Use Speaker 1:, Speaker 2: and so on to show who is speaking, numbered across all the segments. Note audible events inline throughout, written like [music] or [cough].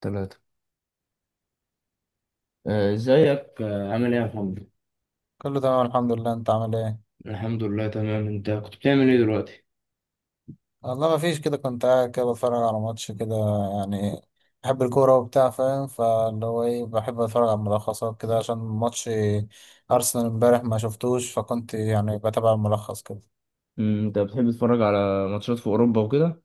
Speaker 1: تلاتة. ازيك، عامل ايه يا محمد؟
Speaker 2: كله تمام، الحمد لله. انت عامل ايه؟
Speaker 1: الحمد لله تمام. انت كنت بتعمل ايه دلوقتي؟
Speaker 2: والله ما فيش كده، كنت قاعد كده بتفرج على ماتش كده، يعني. بحب الكوره وبتاع، فاهم؟ فاللي هو ايه، بحب اتفرج على الملخصات كده عشان ماتش ارسنال امبارح ما شفتوش، فكنت يعني بتابع الملخص كده.
Speaker 1: انت بتحب تتفرج على ماتشات في اوروبا وكده؟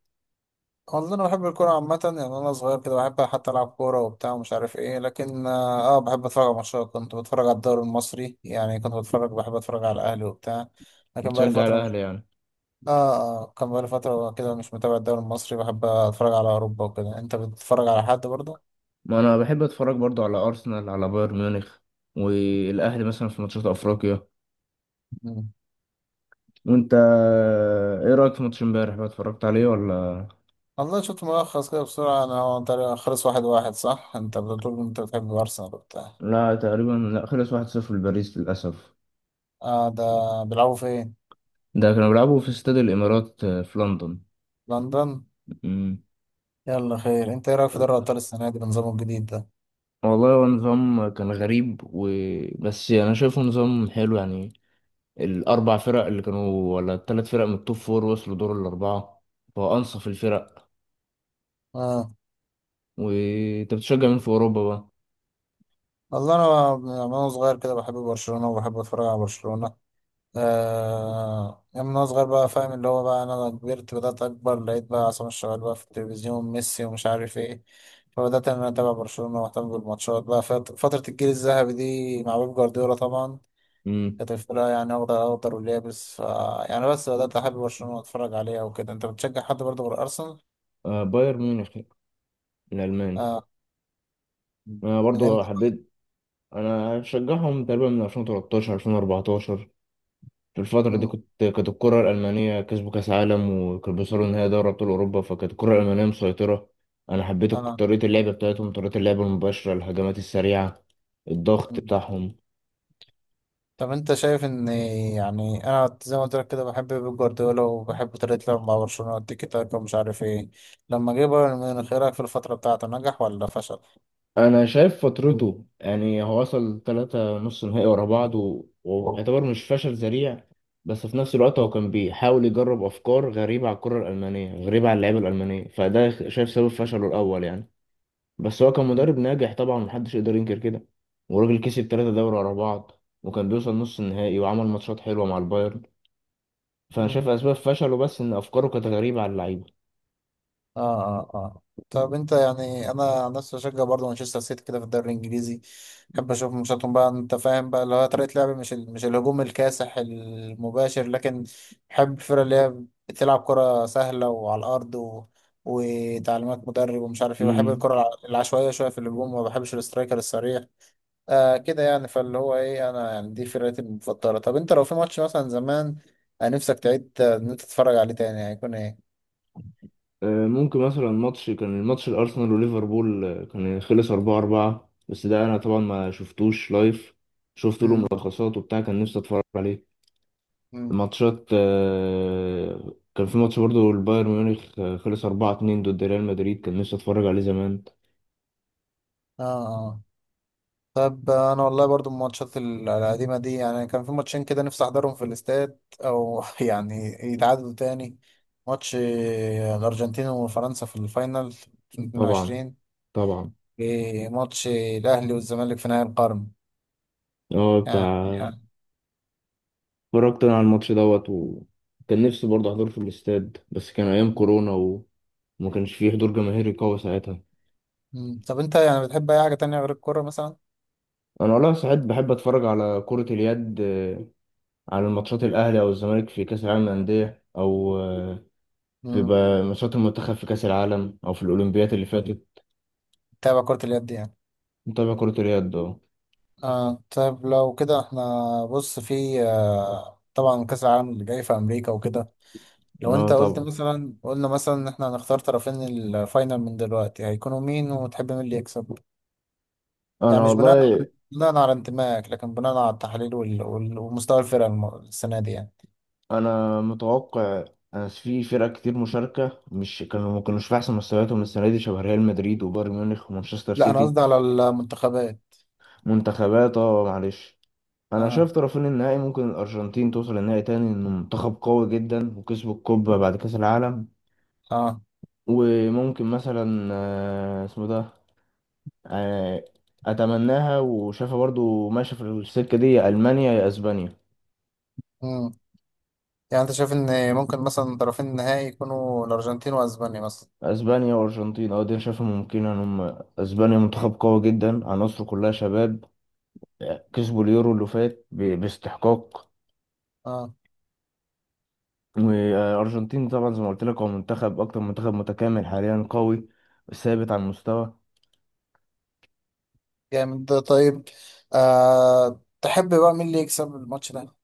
Speaker 2: والله انا بحب الكوره عامه، يعني انا صغير كده بحب حتى العب كوره وبتاع ومش عارف ايه، لكن بحب اتفرج على ماتشات. كنت بتفرج على الدوري المصري، يعني كنت بتفرج بحب اتفرج على الاهلي وبتاع، لكن بقالي
Speaker 1: بتشجع
Speaker 2: فتره.
Speaker 1: الاهلي يعني؟
Speaker 2: اه. اه، كان بقالي فترة كده مش متابع الدوري المصري، بحب اتفرج على اوروبا وكده. انت بتتفرج على حد برضه؟
Speaker 1: ما انا بحب اتفرج برضو على ارسنال، على بايرن ميونخ، والاهلي مثلا في ماتشات افريقيا.
Speaker 2: مم.
Speaker 1: وانت، ايه رايك في ماتش امبارح بقى، اتفرجت عليه ولا؟
Speaker 2: والله شفت ملخص كده بسرعة، انا هو تقريبا خلص واحد واحد، صح؟ انت بتقول انت بتحب ارسنال وبتاع.
Speaker 1: لا، تقريبا لا، خلص 1-0 لباريس للاسف.
Speaker 2: اه ده، بيلعبوا فين؟
Speaker 1: ده كانوا بيلعبوا في استاد الامارات، في لندن.
Speaker 2: لندن؟
Speaker 1: أمم.
Speaker 2: يلا خير، انت ايه رأيك في دوري ابطال السنة دي بنظامه الجديد ده؟
Speaker 1: والله هو نظام كان غريب بس انا شايفه نظام حلو يعني. الاربع فرق اللي كانوا، ولا الثلاث فرق من التوب فور وصلوا دور الاربعه، فهو انصف الفرق.
Speaker 2: اه،
Speaker 1: وانت بتشجع مين في اوروبا بقى؟
Speaker 2: والله انا من وانا صغير كده بحب برشلونة وبحب اتفرج على برشلونة. آه، يعني من وأنا صغير بقى، فاهم اللي هو بقى، أنا كبرت، بدأت أكبر لقيت بقى عصام الشوالي بقى في التلفزيون، ميسي ومش عارف إيه. فبدأت إن أنا أتابع برشلونة وأهتم بالماتشات بقى فترة الجيل الذهبي دي مع بيب جوارديولا طبعا.
Speaker 1: امم.
Speaker 2: كانت الفرقة يعني أخضر أخضر واليابس، يعني، بس بدأت أحب برشلونة وأتفرج عليها وكده. أنت بتشجع حد برضه غير أرسنال؟
Speaker 1: آه بايرن ميونخ الالماني.
Speaker 2: آه.
Speaker 1: انا
Speaker 2: من
Speaker 1: برضو
Speaker 2: إمتى؟
Speaker 1: حبيت. انا شجعهم تقريبا من 2013 2014. في الفترة دي
Speaker 2: مم.
Speaker 1: كانت الكرة الألمانية كسبوا كأس عالم وكانوا بيوصلوا نهائي دوري أبطال أوروبا، فكانت الكرة الألمانية مسيطرة. أنا حبيت
Speaker 2: آه.
Speaker 1: طريقة اللعب بتاعتهم، طريقة اللعب المباشرة، الهجمات السريعة، الضغط بتاعهم.
Speaker 2: طب انت شايف ان، يعني انا زي ما قلت لك كده بحب بيب جوارديولا وبحب طريقة لعبه مع برشلونة، التيكي تاكا ومش عارف ايه. لما جه بايرن ميونخ، ايه رأيك في الفترة بتاعته، نجح ولا فشل؟
Speaker 1: أنا شايف فترته يعني هو وصل تلاتة نص نهائي ورا بعض ويعتبر مش فشل ذريع. بس في نفس الوقت هو كان بيحاول يجرب أفكار غريبة على الكرة الألمانية، غريبة على اللعيبة الألمانية، فده شايف سبب فشله الأول يعني. بس هو كان
Speaker 2: مم.
Speaker 1: مدرب ناجح طبعا، محدش يقدر ينكر كده. وراجل كسب ثلاثة دوري ورا بعض وكان بيوصل نص النهائي وعمل ماتشات حلوة مع البايرن. فأنا
Speaker 2: مم.
Speaker 1: شايف أسباب فشله بس إن أفكاره كانت غريبة على اللعيبة.
Speaker 2: اه اه اه. طب انت يعني، انا عن نفسي بشجع برضه مانشستر سيتي كده في الدوري الانجليزي، بحب اشوف ماتشاتهم بقى. انت فاهم بقى اللي هو طريقه لعب، مش مش الهجوم الكاسح المباشر، لكن بحب الفرق اللي هي بتلعب كره سهله وعلى الارض، وتعليمات مدرب ومش عارف ايه. بحب
Speaker 1: امم.
Speaker 2: الكره العشوائيه شويه في الهجوم، وما بحبش الاسترايكر السريع. آه كده يعني، فاللي هو ايه، انا يعني دي فرقتي المفضله. طب انت لو في ماتش مثلا زمان، نفسك تعيد ان انت تتفرج عليه تاني هيكون ايه؟
Speaker 1: ممكن مثلا ماتش كان الماتش الأرسنال وليفربول، كان خلص أربعة أربعة، بس ده أنا طبعا ما شفتوش لايف، شفت له
Speaker 2: امم
Speaker 1: ملخصات وبتاع، كان نفسي أتفرج عليه.
Speaker 2: امم
Speaker 1: ماتشات، كان في ماتش برضه البايرن ميونخ، خلص أربعة اتنين ضد ريال مدريد، كان نفسي أتفرج عليه زمان.
Speaker 2: اه آه. طب انا والله برضو الماتشات القديمه دي، يعني كان في ماتشين كده نفسي احضرهم في الاستاد، او [laughs] يعني يتعادلوا تاني. ماتش الارجنتين وفرنسا في الفاينل
Speaker 1: طبعا،
Speaker 2: 22،
Speaker 1: طبعا.
Speaker 2: وماتش الاهلي والزمالك في نهائي القرن
Speaker 1: اه
Speaker 2: يعني,
Speaker 1: بتاع.
Speaker 2: يعني.
Speaker 1: اتفرجت انا على الماتش دوت وكان نفسي برضه احضره في الاستاد، بس كان ايام كورونا وما كانش فيه حضور جماهيري قوي ساعتها.
Speaker 2: مم. طب انت يعني بتحب اي حاجه تانية غير الكوره مثلا؟
Speaker 1: انا والله ساعات بحب اتفرج على كرة اليد، على الماتشات الاهلي او الزمالك في كاس العالم للانديه، او في
Speaker 2: مم.
Speaker 1: بقى ماتشات المنتخب في كاس العالم او في الاولمبيات اللي فاتت.
Speaker 2: تابع كره اليد، يعني.
Speaker 1: متابع كرة اليد اه.
Speaker 2: آه طب لو كده احنا، بص في طبعا كاس العالم اللي جاي في امريكا وكده، لو
Speaker 1: اه
Speaker 2: انت قلت
Speaker 1: طبعا.
Speaker 2: مثلا، قلنا مثلا ان احنا هنختار طرفين الفاينل من دلوقتي هيكونوا مين وتحب مين اللي يكسب؟ يعني
Speaker 1: انا
Speaker 2: مش بناء على
Speaker 1: والله.
Speaker 2: انتمائك، لكن بناء على التحاليل ومستوى الفرقة السنة دي يعني.
Speaker 1: انا متوقع. أنا في فرق كتير مشاركه مش كانوا، ما كانوش في احسن مستوياتهم السنه دي، شبه ريال مدريد وبايرن ميونخ ومانشستر
Speaker 2: لا، انا قصدي
Speaker 1: سيتي.
Speaker 2: على المنتخبات.
Speaker 1: منتخبات اه، معلش. انا
Speaker 2: اه.
Speaker 1: شايف طرفين النهائي ممكن الارجنتين توصل النهائي تاني، انه منتخب قوي جدا وكسبوا الكوبا بعد كاس العالم.
Speaker 2: اه.
Speaker 1: وممكن مثلا آه، اسمه ده آه، اتمناها وشايفها برضو ماشيه في السكه دي، المانيا يا اسبانيا.
Speaker 2: مم. يعني انت شايف ان ممكن مثلا طرفين النهائي يكونوا الارجنتين واسبانيا مثلا؟
Speaker 1: اسبانيا وارجنتين، اه دي أنا شايفها ممكنه ان هم. اسبانيا منتخب قوي جدا، عناصره كلها شباب، كسبوا اليورو اللي فات باستحقاق.
Speaker 2: اه.
Speaker 1: والأرجنتين طبعا زي ما قلت لك، هو منتخب أكتر منتخب متكامل حاليا، قوي ثابت على المستوى.
Speaker 2: جامد ده، طيب. آه، تحب بقى مين اللي يكسب الماتش ده؟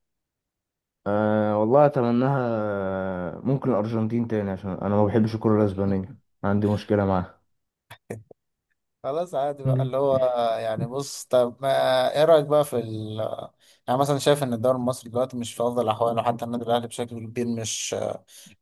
Speaker 1: أه والله أتمناها ممكن الأرجنتين تاني، عشان أنا ما بحبش الكرة الأسبانية.
Speaker 2: [laughs]
Speaker 1: عندي مشكلة معاها.
Speaker 2: خلاص عادي بقى،
Speaker 1: مم.
Speaker 2: اللي هو يعني بص. طب ما ايه رأيك بقى في يعني مثلا شايف ان الدوري المصري دلوقتي مش في افضل احواله، حتى النادي الاهلي بشكل كبير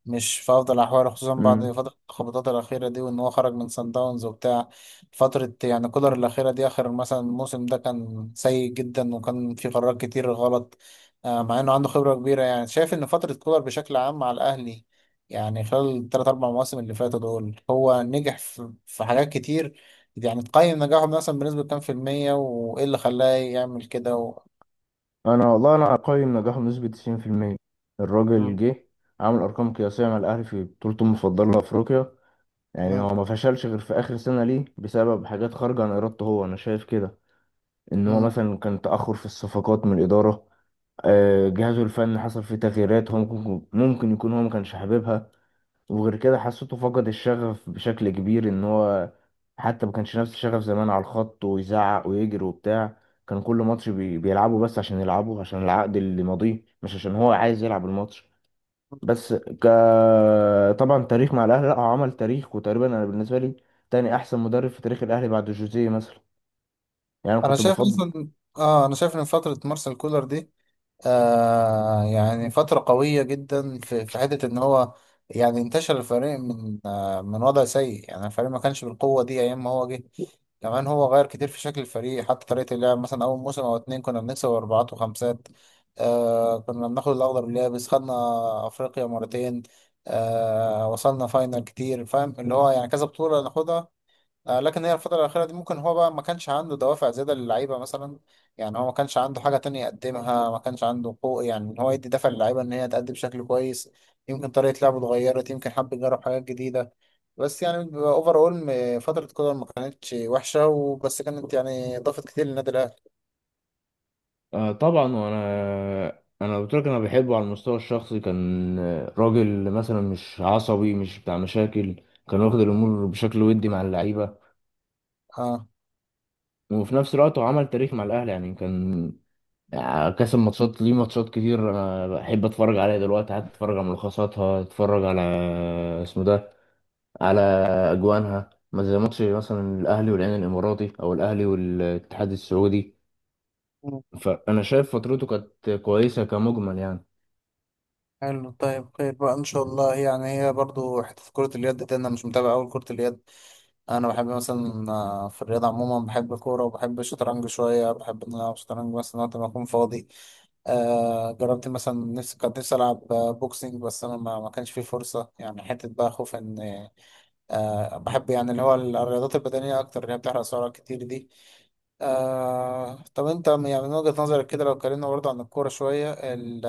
Speaker 2: مش في افضل احواله، خصوصا
Speaker 1: مم.
Speaker 2: بعد فتره الخبطات الاخيره دي وان هو خرج من سان داونز وبتاع. فتره يعني كولر الاخيره دي، اخر مثلا الموسم ده كان سيء جدا وكان في قرارات كتير غلط، مع انه عنده خبره كبيره. يعني شايف ان فتره كولر بشكل عام مع الاهلي، يعني خلال الثلاث اربع مواسم اللي فاتوا دول هو نجح في حاجات كتير. يعني تقيم نجاحه مثلا بنسبه كام في المية، وايه اللي خلاه يعمل كده
Speaker 1: أنا والله أقيم نجاحه بنسبة 90%. الراجل
Speaker 2: مم.
Speaker 1: جه عامل أرقام قياسية مع الأهلي في بطولته المفضلة لأفريقيا، يعني
Speaker 2: مم.
Speaker 1: هو ما فشلش غير في آخر سنة ليه بسبب حاجات خارجة عن إرادته هو، أنا شايف كده. ان هو
Speaker 2: مم.
Speaker 1: مثلا كان تأخر في الصفقات من الإدارة، جهازه الفني حصل فيه تغييرات، هو ممكن يكون هو ما كانش حاببها. وغير كده حسيته فقد الشغف بشكل كبير، ان هو حتى ما كانش نفس الشغف زمان على الخط ويزعق ويجري وبتاع. كان كل ماتش بيلعبه بس عشان يلعبه، عشان العقد اللي ماضيه، مش عشان هو عايز يلعب الماتش. بس ك طبعا تاريخ مع الاهلي، لا هو عمل تاريخ، وتقريبا انا بالنسبه لي تاني احسن مدرب في تاريخ الاهلي بعد جوزيه مثلا، يعني انا
Speaker 2: انا
Speaker 1: كنت
Speaker 2: شايف
Speaker 1: بفضل.
Speaker 2: مثلا اه انا شايف ان فتره مارسيل كولر دي، آه يعني فترة قوية جدا في حتة إن هو، يعني انتشر الفريق من وضع سيء، يعني الفريق ما كانش بالقوة دي أيام ما هو جه. كمان هو غير كتير في شكل الفريق، حتى طريقة اللعب، مثلا أول موسم أو اتنين كنا بنكسب أربعات وخمسات، آه كنا بناخد الأخضر اليابس، خدنا أفريقيا مرتين، آه وصلنا فاينل كتير، فاهم اللي هو يعني كذا بطولة ناخدها. آه، لكن هي الفترة الأخيرة دي ممكن هو بقى ما كانش عنده دوافع زيادة للعيبة مثلا، يعني هو ما كانش عنده حاجة تانية يقدمها، ما كانش عنده حقوق يعني إن هو يدي دفع للعيبة إن هي تأدي بشكل كويس. يمكن طريقة لعبه اتغيرت، يمكن حب يجرب حاجات جديدة. بس يعني اوفر اول فترة كولر ما كانتش وحشة، وبس كانت يعني ضافت كتير للنادي الأهلي.
Speaker 1: آه طبعا. وانا قلت لك انا بحبه على المستوى الشخصي، كان راجل مثلا مش عصبي مش بتاع مشاكل. كان واخد الامور بشكل ودي مع اللعيبه.
Speaker 2: اه.
Speaker 1: وفي نفس الوقت هو عمل تاريخ مع الاهلي يعني كان، كسب ماتشات ليه، ماتشات كتير انا بحب اتفرج عليها دلوقتي، حتى اتفرج على ملخصاتها، اتفرج على آه، اسمه ده على اجوانها، ما زي ماتش مثلا الاهلي والعين الاماراتي او الاهلي والاتحاد السعودي.
Speaker 2: مم.
Speaker 1: فانا شايف فترته كانت كويسه كمجمل يعني.
Speaker 2: حلو طيب، خير بقى ان شاء الله. يعني هي برضو حته كره اليد دي انا مش متابع اول كره اليد. انا بحب مثلا، في الرياضه عموما بحب الكوره، وبحب الشطرنج شويه، بحب ان انا العب شطرنج مثلا وقت ما اكون فاضي. آه جربت مثلا، نفسي كنت نفسي العب بوكسينج، بس انا ما كانش فيه فرصه، يعني حته بقى خوف ان. آه بحب يعني اللي هو الرياضات البدنيه اكتر اللي هي بتحرق سعرات كتير دي. آه طب انت يعني من وجهه نظرك كده لو اتكلمنا برضه عن الكوره شويه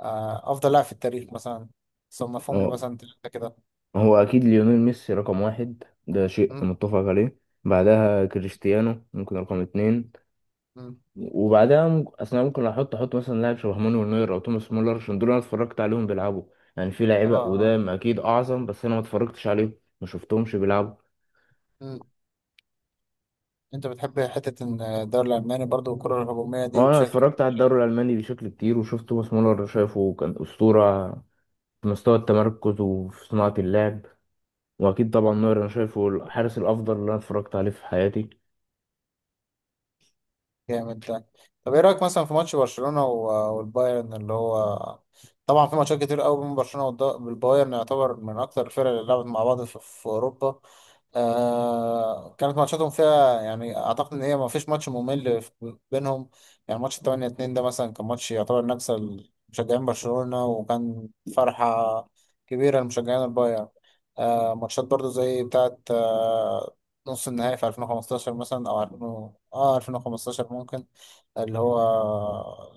Speaker 2: آه افضل لاعب في التاريخ مثلا، صنفهم لي مثلا ثلاثه كده.
Speaker 1: هو اكيد ليونيل ميسي رقم واحد، ده شيء
Speaker 2: م؟
Speaker 1: متفق عليه. بعدها كريستيانو ممكن رقم اتنين.
Speaker 2: م.
Speaker 1: وبعدها اصل انا ممكن احط مثلا لاعب شبه مانويل نوير او توماس مولر عشان دول انا اتفرجت عليهم بيلعبوا. يعني في
Speaker 2: اه
Speaker 1: لعيبه
Speaker 2: اه
Speaker 1: قدام اكيد اعظم، بس انا ما اتفرجتش عليهم، ما شفتهمش بيلعبوا.
Speaker 2: م. انت بتحب حتة ان الدوري الألماني برضو الكرة الهجومية دي
Speaker 1: اه انا
Speaker 2: بشكل.
Speaker 1: اتفرجت على الدوري الالماني بشكل كتير وشفت توماس مولر، شايفه كان اسطوره في مستوى التمركز وفي صناعه اللعب. واكيد طبعا نوير انا شايفه الحارس الافضل اللي انا اتفرجت عليه في حياتي.
Speaker 2: جامد ده. طب ايه رأيك مثلا في ماتش برشلونة والبايرن اللي هو، طبعا في ماتشات كتير قوي بين برشلونة والبايرن، يعتبر من أكتر الفرق اللي لعبت مع بعض في أوروبا. آه كانت ماتشاتهم فيها، يعني اعتقد ان هي ما فيش ماتش ممل بينهم. يعني ماتش 8-2 ده مثلا كان ماتش يعتبر نكسه لمشجعين برشلونة، وكان فرحة كبيرة لمشجعين البايرن. آه ماتشات برضو زي بتاعة نص النهائي في 2015 مثلا او 2000 2015 ممكن، اللي هو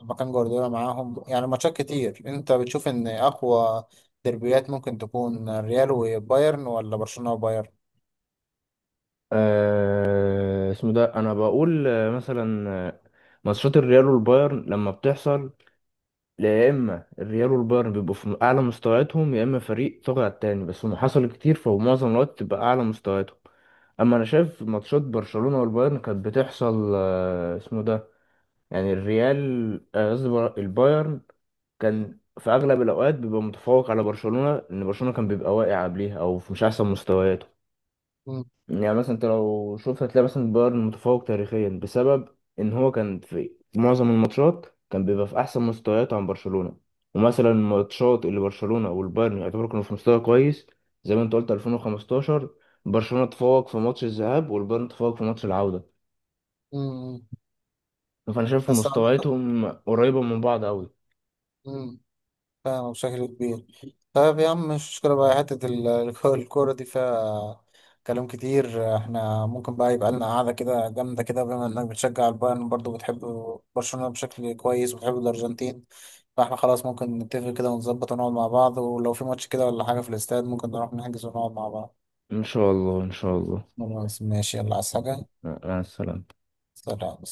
Speaker 2: لما كان جوارديولا معاهم. يعني ماتشات كتير، انت بتشوف ان اقوى ديربيات ممكن تكون ريال وبايرن، ولا برشلونة وبايرن؟
Speaker 1: آه اسمه ده انا بقول مثلا، ماتشات الريال والبايرن لما بتحصل، يا اما الريال والبايرن بيبقوا في اعلى مستوياتهم، يا اما فريق طاغي على التاني، بس هم حصل كتير، فهو معظم الوقت تبقى اعلى مستوياتهم. اما انا شايف ماتشات برشلونة والبايرن كانت بتحصل، آه اسمه ده يعني الريال، قصدي البايرن كان في اغلب الاوقات بيبقى متفوق على برشلونة، لان برشلونة كان بيبقى واقع قبليها او في مش احسن مستوياته. يعني مثلا انت لو شفت هتلاقي مثلا بايرن متفوق تاريخيا بسبب ان هو كان في معظم الماتشات بيبقى في احسن مستويات عن برشلونة. ومثلا الماتشات اللي برشلونة والبايرن يعتبروا كانوا في مستوى كويس، زي ما انت قلت 2015، برشلونة تفوق في ماتش الذهاب والبايرن تفوق في ماتش العودة.
Speaker 2: مم.
Speaker 1: فانا شايف
Speaker 2: بس أعتقد.
Speaker 1: مستوياتهم قريبة من بعض قوي.
Speaker 2: مم. فاهم بشكل كبير. طيب يا عم، مش مشكلة بقى حتة [laughs] الكورة دي فيها كلام كتير. احنا ممكن بقى يبقى لنا قعدة كده جامدة كده، بما انك بتشجع البايرن برضه، بتحب برشلونة بشكل كويس، وبتحب الأرجنتين، فاحنا خلاص ممكن نتفق كده ونظبط ونقعد مع بعض. ولو في ماتش كده ولا حاجة في الاستاد ممكن نروح نحجز ونقعد مع بعض.
Speaker 1: ان شاء الله ان شاء الله.
Speaker 2: خلاص، ماشي، يلا. عايز حاجة؟
Speaker 1: مع السلامة.
Speaker 2: سلام.